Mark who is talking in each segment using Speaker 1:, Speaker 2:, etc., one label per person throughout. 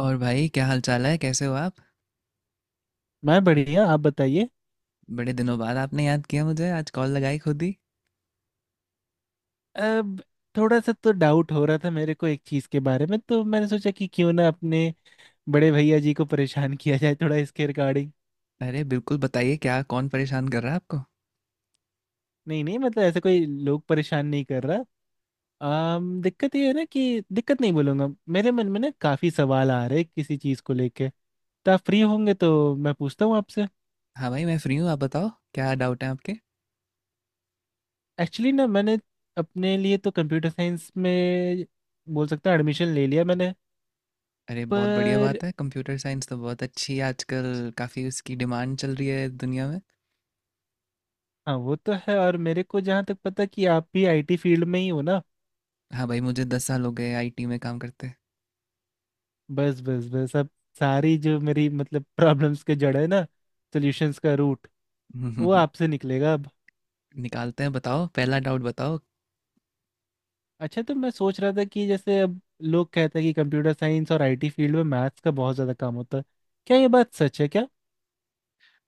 Speaker 1: और भाई, क्या हाल चाल है? कैसे हो आप?
Speaker 2: मैं बढ़िया। आप बताइए।
Speaker 1: बड़े दिनों बाद आपने याद किया मुझे, आज कॉल लगाई खुद ही।
Speaker 2: अब थोड़ा सा तो डाउट हो रहा था मेरे को एक चीज के बारे में, तो मैंने सोचा कि क्यों ना अपने बड़े भैया जी को परेशान किया जाए थोड़ा इसके रिगार्डिंग।
Speaker 1: अरे बिल्कुल बताइए, क्या? कौन परेशान कर रहा है आपको?
Speaker 2: नहीं नहीं, ऐसा कोई लोग परेशान नहीं कर रहा। अम दिक्कत ये है ना कि दिक्कत नहीं बोलूंगा, मेरे मन में ना काफी सवाल आ रहे हैं किसी चीज को लेके। तो आप फ्री होंगे तो मैं पूछता हूँ आपसे।
Speaker 1: हाँ भाई, मैं फ्री हूँ, आप बताओ। क्या डाउट है आपके?
Speaker 2: एक्चुअली ना मैंने अपने लिए तो कंप्यूटर साइंस में बोल सकता हूँ एडमिशन ले लिया मैंने।
Speaker 1: अरे बहुत बढ़िया
Speaker 2: पर
Speaker 1: बात है, कंप्यूटर साइंस तो बहुत अच्छी है, आजकल काफ़ी उसकी डिमांड चल रही है दुनिया में।
Speaker 2: हाँ, वो तो है। और मेरे को जहाँ तक पता कि आप भी आईटी फील्ड में ही हो ना।
Speaker 1: हाँ भाई, मुझे 10 साल हो गए आईटी में काम करते
Speaker 2: बस बस बस अब सारी जो मेरी प्रॉब्लम्स के जड़ है ना, सॉल्यूशंस का रूट वो
Speaker 1: हम्म।
Speaker 2: आपसे निकलेगा अब।
Speaker 1: निकालते हैं, बताओ, पहला डाउट बताओ।
Speaker 2: अच्छा, तो मैं सोच रहा था कि जैसे अब लोग कहते हैं कि कंप्यूटर साइंस और आईटी फील्ड में मैथ्स का बहुत ज़्यादा काम होता है। क्या ये बात सच है क्या?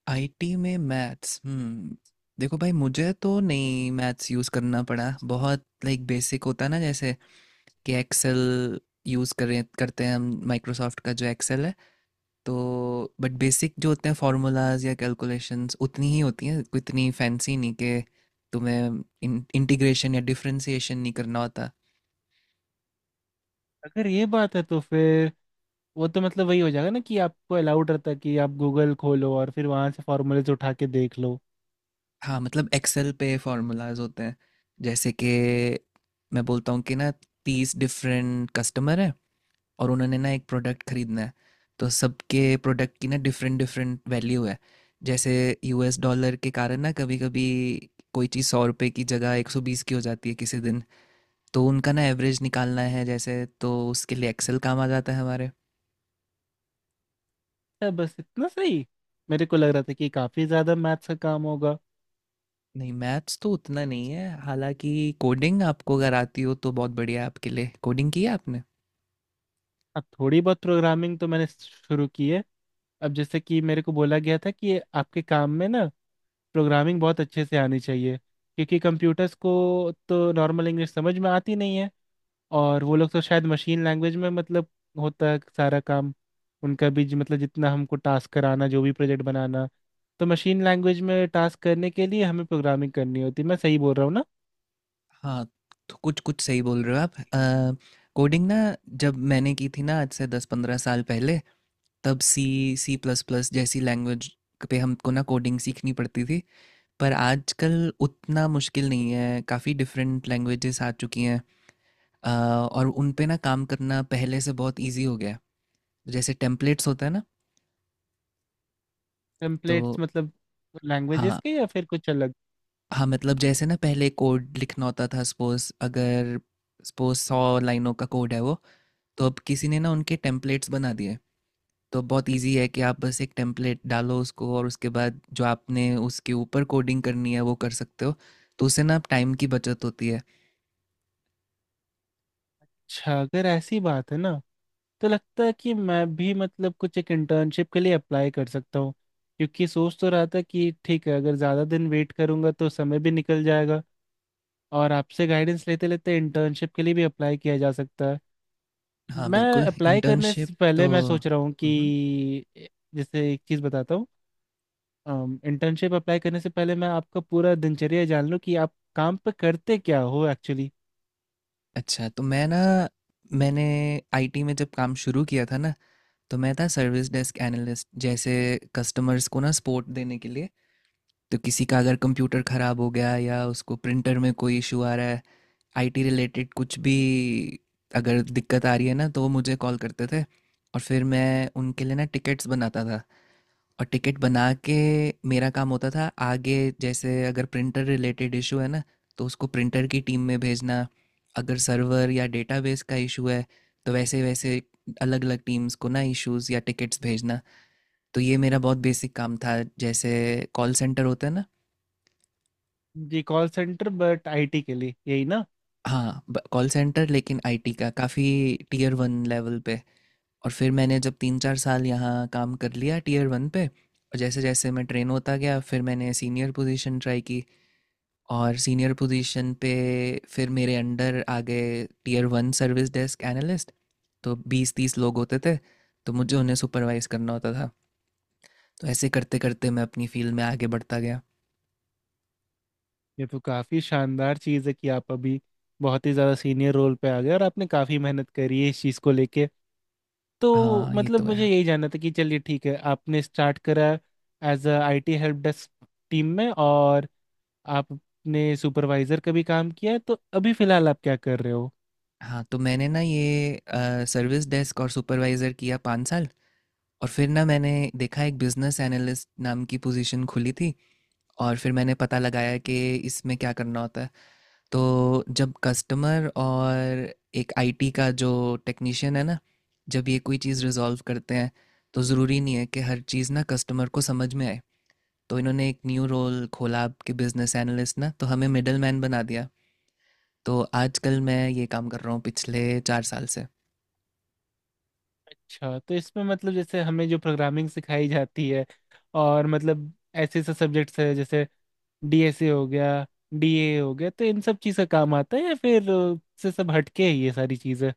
Speaker 1: आईटी में मैथ्स? हम्म। देखो भाई, मुझे तो नहीं मैथ्स यूज़ करना पड़ा। बहुत लाइक बेसिक होता है ना, जैसे कि एक्सेल यूज़ करें करते हैं हम, माइक्रोसॉफ्ट का जो एक्सेल है। तो बट बेसिक जो होते हैं फार्मूलाज या कैलकुलेशंस, उतनी ही होती हैं, कोई इतनी फैंसी नहीं कि तुम्हें इंटीग्रेशन या डिफरेंशिएशन नहीं करना होता।
Speaker 2: अगर ये बात है तो फिर वो तो वही हो जाएगा ना कि आपको अलाउड रहता है कि आप गूगल खोलो और फिर वहाँ से फॉर्मूलेज उठा के देख लो।
Speaker 1: हाँ मतलब एक्सेल पे फार्मूलाज होते हैं। जैसे कि मैं बोलता हूँ कि ना, 30 डिफरेंट कस्टमर हैं, और उन्होंने ना एक प्रोडक्ट खरीदना है। तो सबके प्रोडक्ट की ना डिफरेंट डिफरेंट वैल्यू है। जैसे यूएस डॉलर के कारण ना कभी कभी कोई चीज़ 100 रुपये की जगह 120 की हो जाती है किसी दिन। तो उनका ना एवरेज निकालना है जैसे, तो उसके लिए एक्सेल काम आ जाता है हमारे।
Speaker 2: क्या बस इतना सही? मेरे को लग रहा था कि काफ़ी ज़्यादा मैथ्स का काम होगा।
Speaker 1: नहीं, मैथ्स तो उतना नहीं है हालांकि, कोडिंग आपको अगर आती हो तो बहुत बढ़िया है आपके लिए। कोडिंग की है आपने?
Speaker 2: अब थोड़ी बहुत प्रोग्रामिंग तो मैंने शुरू की है। अब जैसे कि मेरे को बोला गया था कि ये आपके काम में ना प्रोग्रामिंग बहुत अच्छे से आनी चाहिए, क्योंकि कंप्यूटर्स को तो नॉर्मल इंग्लिश समझ में आती नहीं है। और वो लोग तो शायद मशीन लैंग्वेज में होता है सारा काम उनका भी जो- मतलब जितना हमको टास्क कराना, जो भी प्रोजेक्ट बनाना, तो मशीन लैंग्वेज में टास्क करने के लिए हमें प्रोग्रामिंग करनी होती है। मैं सही बोल रहा हूँ ना?
Speaker 1: हाँ तो कुछ कुछ सही बोल रहे हो आप। कोडिंग ना, जब मैंने की थी ना आज से 10-15 साल पहले, तब सी, सी प्लस प्लस जैसी लैंग्वेज पे हमको ना कोडिंग सीखनी पड़ती थी। पर आजकल उतना मुश्किल नहीं है, काफ़ी डिफरेंट लैंग्वेजेस आ चुकी हैं, अ, और उन पे ना काम करना पहले से बहुत इजी हो गया है। जैसे टेम्पलेट्स होता है ना। तो
Speaker 2: टेम्पलेट्स मतलब लैंग्वेजेस
Speaker 1: हाँ,
Speaker 2: के या फिर कुछ अलग?
Speaker 1: हाँ मतलब जैसे ना पहले कोड लिखना होता था, सपोज अगर सपोज 100 लाइनों का कोड है वो। तो अब किसी ने ना उनके टेम्पलेट्स बना दिए। तो बहुत इजी है कि आप बस एक टेम्पलेट डालो उसको, और उसके बाद जो आपने उसके ऊपर कोडिंग करनी है वो कर सकते हो। तो उससे ना आप टाइम की बचत होती है।
Speaker 2: अच्छा, अगर ऐसी बात है ना तो लगता है कि मैं भी कुछ एक इंटर्नशिप के लिए अप्लाई कर सकता हूँ, क्योंकि सोच तो रहा था कि ठीक है, अगर ज़्यादा दिन वेट करूंगा तो समय भी निकल जाएगा। और आपसे गाइडेंस लेते लेते इंटर्नशिप के लिए भी अप्लाई किया जा सकता है।
Speaker 1: हाँ
Speaker 2: मैं
Speaker 1: बिल्कुल,
Speaker 2: अप्लाई करने
Speaker 1: इंटर्नशिप।
Speaker 2: से पहले
Speaker 1: तो
Speaker 2: मैं सोच रहा हूँ
Speaker 1: मम्हम।
Speaker 2: कि जैसे एक चीज़ बताता हूँ। इंटर्नशिप अप्लाई करने से पहले मैं आपका पूरा दिनचर्या जान लूँ कि आप काम पे करते क्या हो एक्चुअली।
Speaker 1: अच्छा, मैंने आईटी में जब काम शुरू किया था ना, तो मैं था सर्विस डेस्क एनालिस्ट। जैसे कस्टमर्स को ना सपोर्ट देने के लिए, तो किसी का अगर कंप्यूटर ख़राब हो गया या उसको प्रिंटर में कोई इशू आ रहा है, आईटी रिलेटेड कुछ भी अगर दिक्कत आ रही है ना, तो वो मुझे कॉल करते थे। और फिर मैं उनके लिए ना टिकट्स बनाता था। और टिकट बना के मेरा काम होता था आगे, जैसे अगर प्रिंटर रिलेटेड इशू है ना, तो उसको प्रिंटर की टीम में भेजना। अगर सर्वर या डेटाबेस का इशू है, तो वैसे वैसे अलग अलग टीम्स को ना इश्यूज या टिकट्स भेजना। तो ये मेरा बहुत बेसिक काम था, जैसे कॉल सेंटर होता है ना।
Speaker 2: जी, कॉल सेंटर बट आईटी के लिए, यही ना?
Speaker 1: हाँ, कॉल सेंटर लेकिन आईटी का, काफ़ी टीयर वन लेवल पे। और फिर मैंने जब 3-4 साल यहाँ काम कर लिया टीयर वन पे, और जैसे जैसे मैं ट्रेन होता गया, फिर मैंने सीनियर पोजीशन ट्राई की। और सीनियर पोजीशन पे फिर मेरे अंडर आ गए tier one service desk analyst. तो 20-30 लोग होते थे, तो मुझे उन्हें सुपरवाइज करना होता था। तो ऐसे करते करते मैं अपनी फील्ड में आगे बढ़ता गया।
Speaker 2: ये तो काफी शानदार चीज है कि आप अभी बहुत ही ज्यादा सीनियर रोल पे आ गए और आपने काफी मेहनत करी है इस चीज को लेके। तो
Speaker 1: हाँ ये तो
Speaker 2: मुझे
Speaker 1: है।
Speaker 2: यही जानना था कि चलिए ठीक है, आपने स्टार्ट करा as a IT help desk team में, और आपने सुपरवाइजर का भी काम किया है, तो अभी फिलहाल आप क्या कर रहे हो?
Speaker 1: हाँ तो मैंने ना ये सर्विस डेस्क और सुपरवाइज़र किया 5 साल। और फिर ना मैंने देखा एक बिजनेस एनालिस्ट नाम की पोजीशन खुली थी। और फिर मैंने पता लगाया कि इसमें क्या करना होता है। तो जब कस्टमर और एक आईटी का जो टेक्नीशियन है ना, जब ये कोई चीज़ रिजॉल्व करते हैं, तो ज़रूरी नहीं है कि हर चीज़ ना कस्टमर को समझ में आए। तो इन्होंने एक न्यू रोल खोला आपके बिजनेस एनालिस्ट ना, तो हमें मिडल मैन बना दिया। तो आजकल मैं ये काम कर रहा हूँ पिछले 4 साल से।
Speaker 2: अच्छा, तो इसमें जैसे हमें जो प्रोग्रामिंग सिखाई जाती है और ऐसे ऐसे सब्जेक्ट्स है, जैसे डीएसए हो गया, डीए हो गया, तो इन सब चीज का काम आता है या फिर से सब हटके है ये सारी चीजें?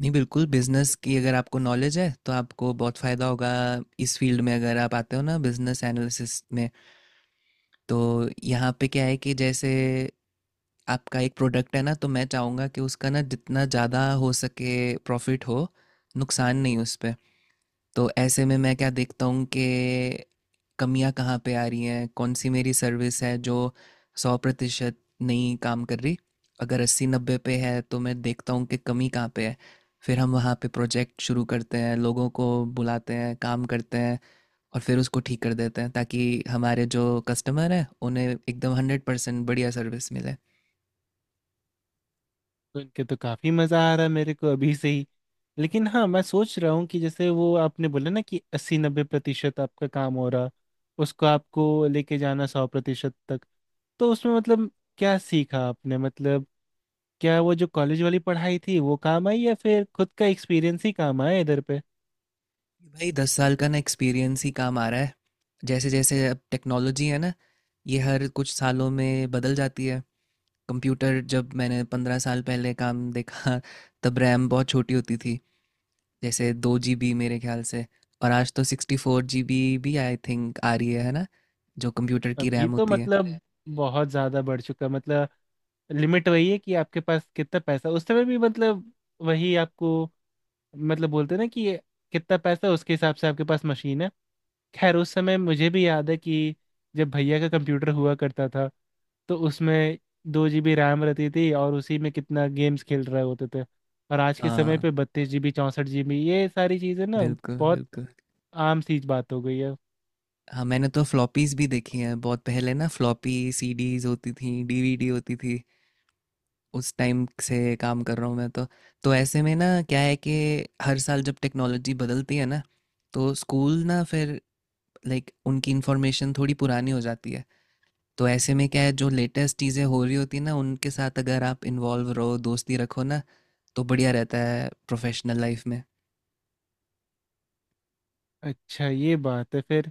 Speaker 1: नहीं, बिल्कुल बिजनेस की अगर आपको नॉलेज है तो आपको बहुत फ़ायदा होगा इस फील्ड में, अगर आप आते हो ना बिजनेस एनालिसिस में। तो यहाँ पे क्या है कि जैसे आपका एक प्रोडक्ट है ना, तो मैं चाहूँगा कि उसका ना जितना ज़्यादा हो सके प्रॉफिट हो, नुकसान नहीं उस पे। तो ऐसे में मैं क्या देखता हूँ कि कमियाँ कहाँ पे आ रही हैं, कौन सी मेरी सर्विस है जो 100% नहीं काम कर रही। अगर 80-90 पे है तो मैं देखता हूँ कि कमी कहाँ पे है। फिर हम वहाँ पे प्रोजेक्ट शुरू करते हैं, लोगों को बुलाते हैं, काम करते हैं, और फिर उसको ठीक कर देते हैं ताकि हमारे जो कस्टमर हैं उन्हें एकदम 100% बढ़िया सर्विस मिले।
Speaker 2: सुन के तो काफी मजा आ रहा है मेरे को अभी से ही। लेकिन हाँ, मैं सोच रहा हूँ कि जैसे वो आपने बोला ना कि अस्सी नब्बे प्रतिशत आपका काम हो रहा, उसको आपको लेके जाना सौ प्रतिशत तक, तो उसमें क्या सीखा आपने? क्या वो जो कॉलेज वाली पढ़ाई थी वो काम आई, या फिर खुद का एक्सपीरियंस ही काम आया इधर पे?
Speaker 1: भाई 10 साल का ना एक्सपीरियंस ही काम आ रहा है। जैसे जैसे अब टेक्नोलॉजी है ना, ये हर कुछ सालों में बदल जाती है। कंप्यूटर जब मैंने 15 साल पहले काम देखा, तब रैम बहुत छोटी होती थी, जैसे 2 GB मेरे ख्याल से। और आज तो 64 GB भी आई थिंक आ रही है ना, जो कंप्यूटर की
Speaker 2: अभी
Speaker 1: रैम
Speaker 2: तो
Speaker 1: होती है।
Speaker 2: बहुत ज्यादा बढ़ चुका। लिमिट वही है कि आपके पास कितना पैसा उस समय भी। वही आपको, बोलते हैं ना कि कितना पैसा है, उसके हिसाब से आपके पास मशीन है। खैर, उस समय मुझे भी याद है कि जब भैया का कंप्यूटर हुआ करता था तो उसमें 2 जीबी रैम रहती थी, और उसी में कितना गेम्स खेल रहे होते थे। और आज के समय
Speaker 1: हाँ
Speaker 2: पे 32 जीबी, 64 जीबी, ये सारी चीज़ें ना
Speaker 1: बिल्कुल
Speaker 2: बहुत
Speaker 1: बिल्कुल।
Speaker 2: आम सी बात हो गई है।
Speaker 1: हाँ मैंने तो फ्लॉपीज भी देखी हैं बहुत पहले ना, फ्लॉपी सीडीज होती थी, डीवीडी होती थी। उस टाइम से काम कर रहा हूँ मैं तो। तो ऐसे में ना क्या है कि हर साल जब टेक्नोलॉजी बदलती है ना, तो स्कूल ना फिर लाइक उनकी इन्फॉर्मेशन थोड़ी पुरानी हो जाती है। तो ऐसे में क्या है, जो लेटेस्ट चीज़ें हो रही होती हैं ना उनके साथ अगर आप इन्वॉल्व रहो, दोस्ती रखो ना, तो बढ़िया रहता है प्रोफेशनल लाइफ में।
Speaker 2: अच्छा, ये बात है फिर।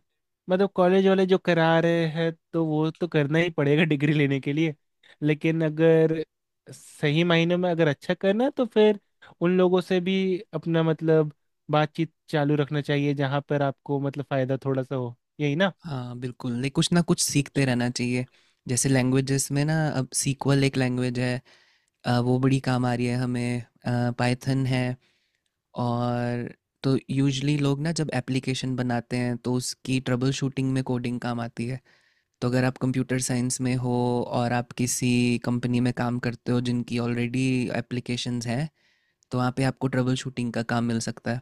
Speaker 2: कॉलेज वाले जो करा रहे हैं तो वो तो करना ही पड़ेगा डिग्री लेने के लिए, लेकिन अगर सही मायने में अगर अच्छा करना है तो फिर उन लोगों से भी अपना बातचीत चालू रखना चाहिए जहाँ पर आपको फ़ायदा थोड़ा सा हो, यही ना?
Speaker 1: हाँ बिल्कुल, लाइक कुछ ना कुछ सीखते रहना चाहिए। जैसे लैंग्वेजेस में ना अब सीक्वल एक लैंग्वेज है, वो बड़ी काम आ रही है हमें। पायथन है। और तो यूजुअली लोग ना जब एप्लीकेशन बनाते हैं तो उसकी ट्रबल शूटिंग में कोडिंग काम आती है। तो अगर आप कंप्यूटर साइंस में हो और आप किसी कंपनी में काम करते हो जिनकी ऑलरेडी एप्लीकेशंस हैं, तो वहाँ पे आपको ट्रबल शूटिंग का काम मिल सकता है।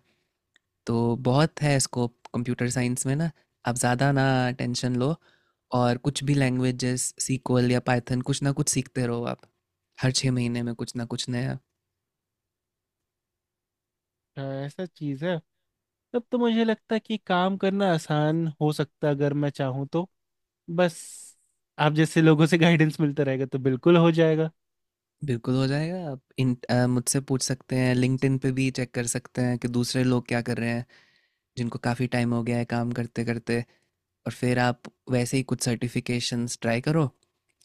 Speaker 1: तो बहुत है स्कोप कंप्यूटर साइंस में ना, आप ज़्यादा ना टेंशन लो। और कुछ भी लैंग्वेजेस सीक्वल या पाइथन कुछ ना कुछ सीखते रहो आप, हर 6 महीने में कुछ ना कुछ नया।
Speaker 2: हाँ, ऐसा चीज़ है। तब तो मुझे लगता है कि काम करना आसान हो सकता अगर मैं चाहूँ तो। बस आप जैसे लोगों से गाइडेंस मिलता रहेगा तो बिल्कुल हो जाएगा।
Speaker 1: बिल्कुल हो जाएगा, आप इन मुझसे पूछ सकते हैं, लिंक्डइन पे भी चेक कर सकते हैं कि दूसरे लोग क्या कर रहे हैं जिनको काफ़ी टाइम हो गया है काम करते करते। और फिर आप वैसे ही कुछ सर्टिफिकेशंस ट्राई करो।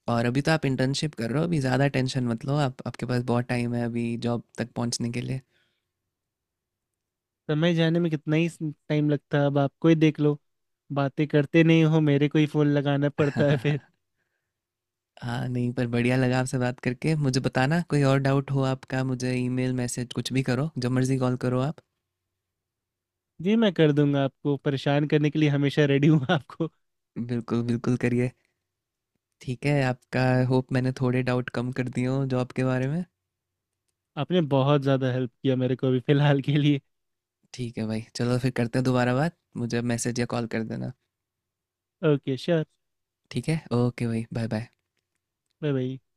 Speaker 1: और अभी तो आप इंटर्नशिप कर रहे हो, अभी ज़्यादा टेंशन मत लो आप, आपके पास बहुत टाइम है अभी जॉब तक पहुंचने के लिए।
Speaker 2: समय जाने में कितना ही टाइम लगता है, अब आपको ही देख लो। बातें करते नहीं हो, मेरे को ही फोन लगाना पड़ता है फिर।
Speaker 1: हाँ नहीं, पर बढ़िया लगा आपसे बात करके, मुझे बताना कोई और डाउट हो आपका, मुझे ईमेल मैसेज कुछ भी करो, जब मर्ज़ी कॉल करो आप।
Speaker 2: जी, मैं कर दूंगा। आपको परेशान करने के लिए हमेशा रेडी हूँ आपको।
Speaker 1: बिल्कुल बिल्कुल करिए। ठीक है आपका, होप मैंने थोड़े डाउट कम कर दिए हों जॉब के बारे में।
Speaker 2: आपने बहुत ज़्यादा हेल्प किया मेरे को अभी फिलहाल के लिए।
Speaker 1: ठीक है भाई, चलो फिर करते हैं दोबारा बात, मुझे मैसेज या कॉल कर देना।
Speaker 2: Okay, sure.
Speaker 1: ठीक है, ओके भाई, बाय बाय।
Speaker 2: Bye bye.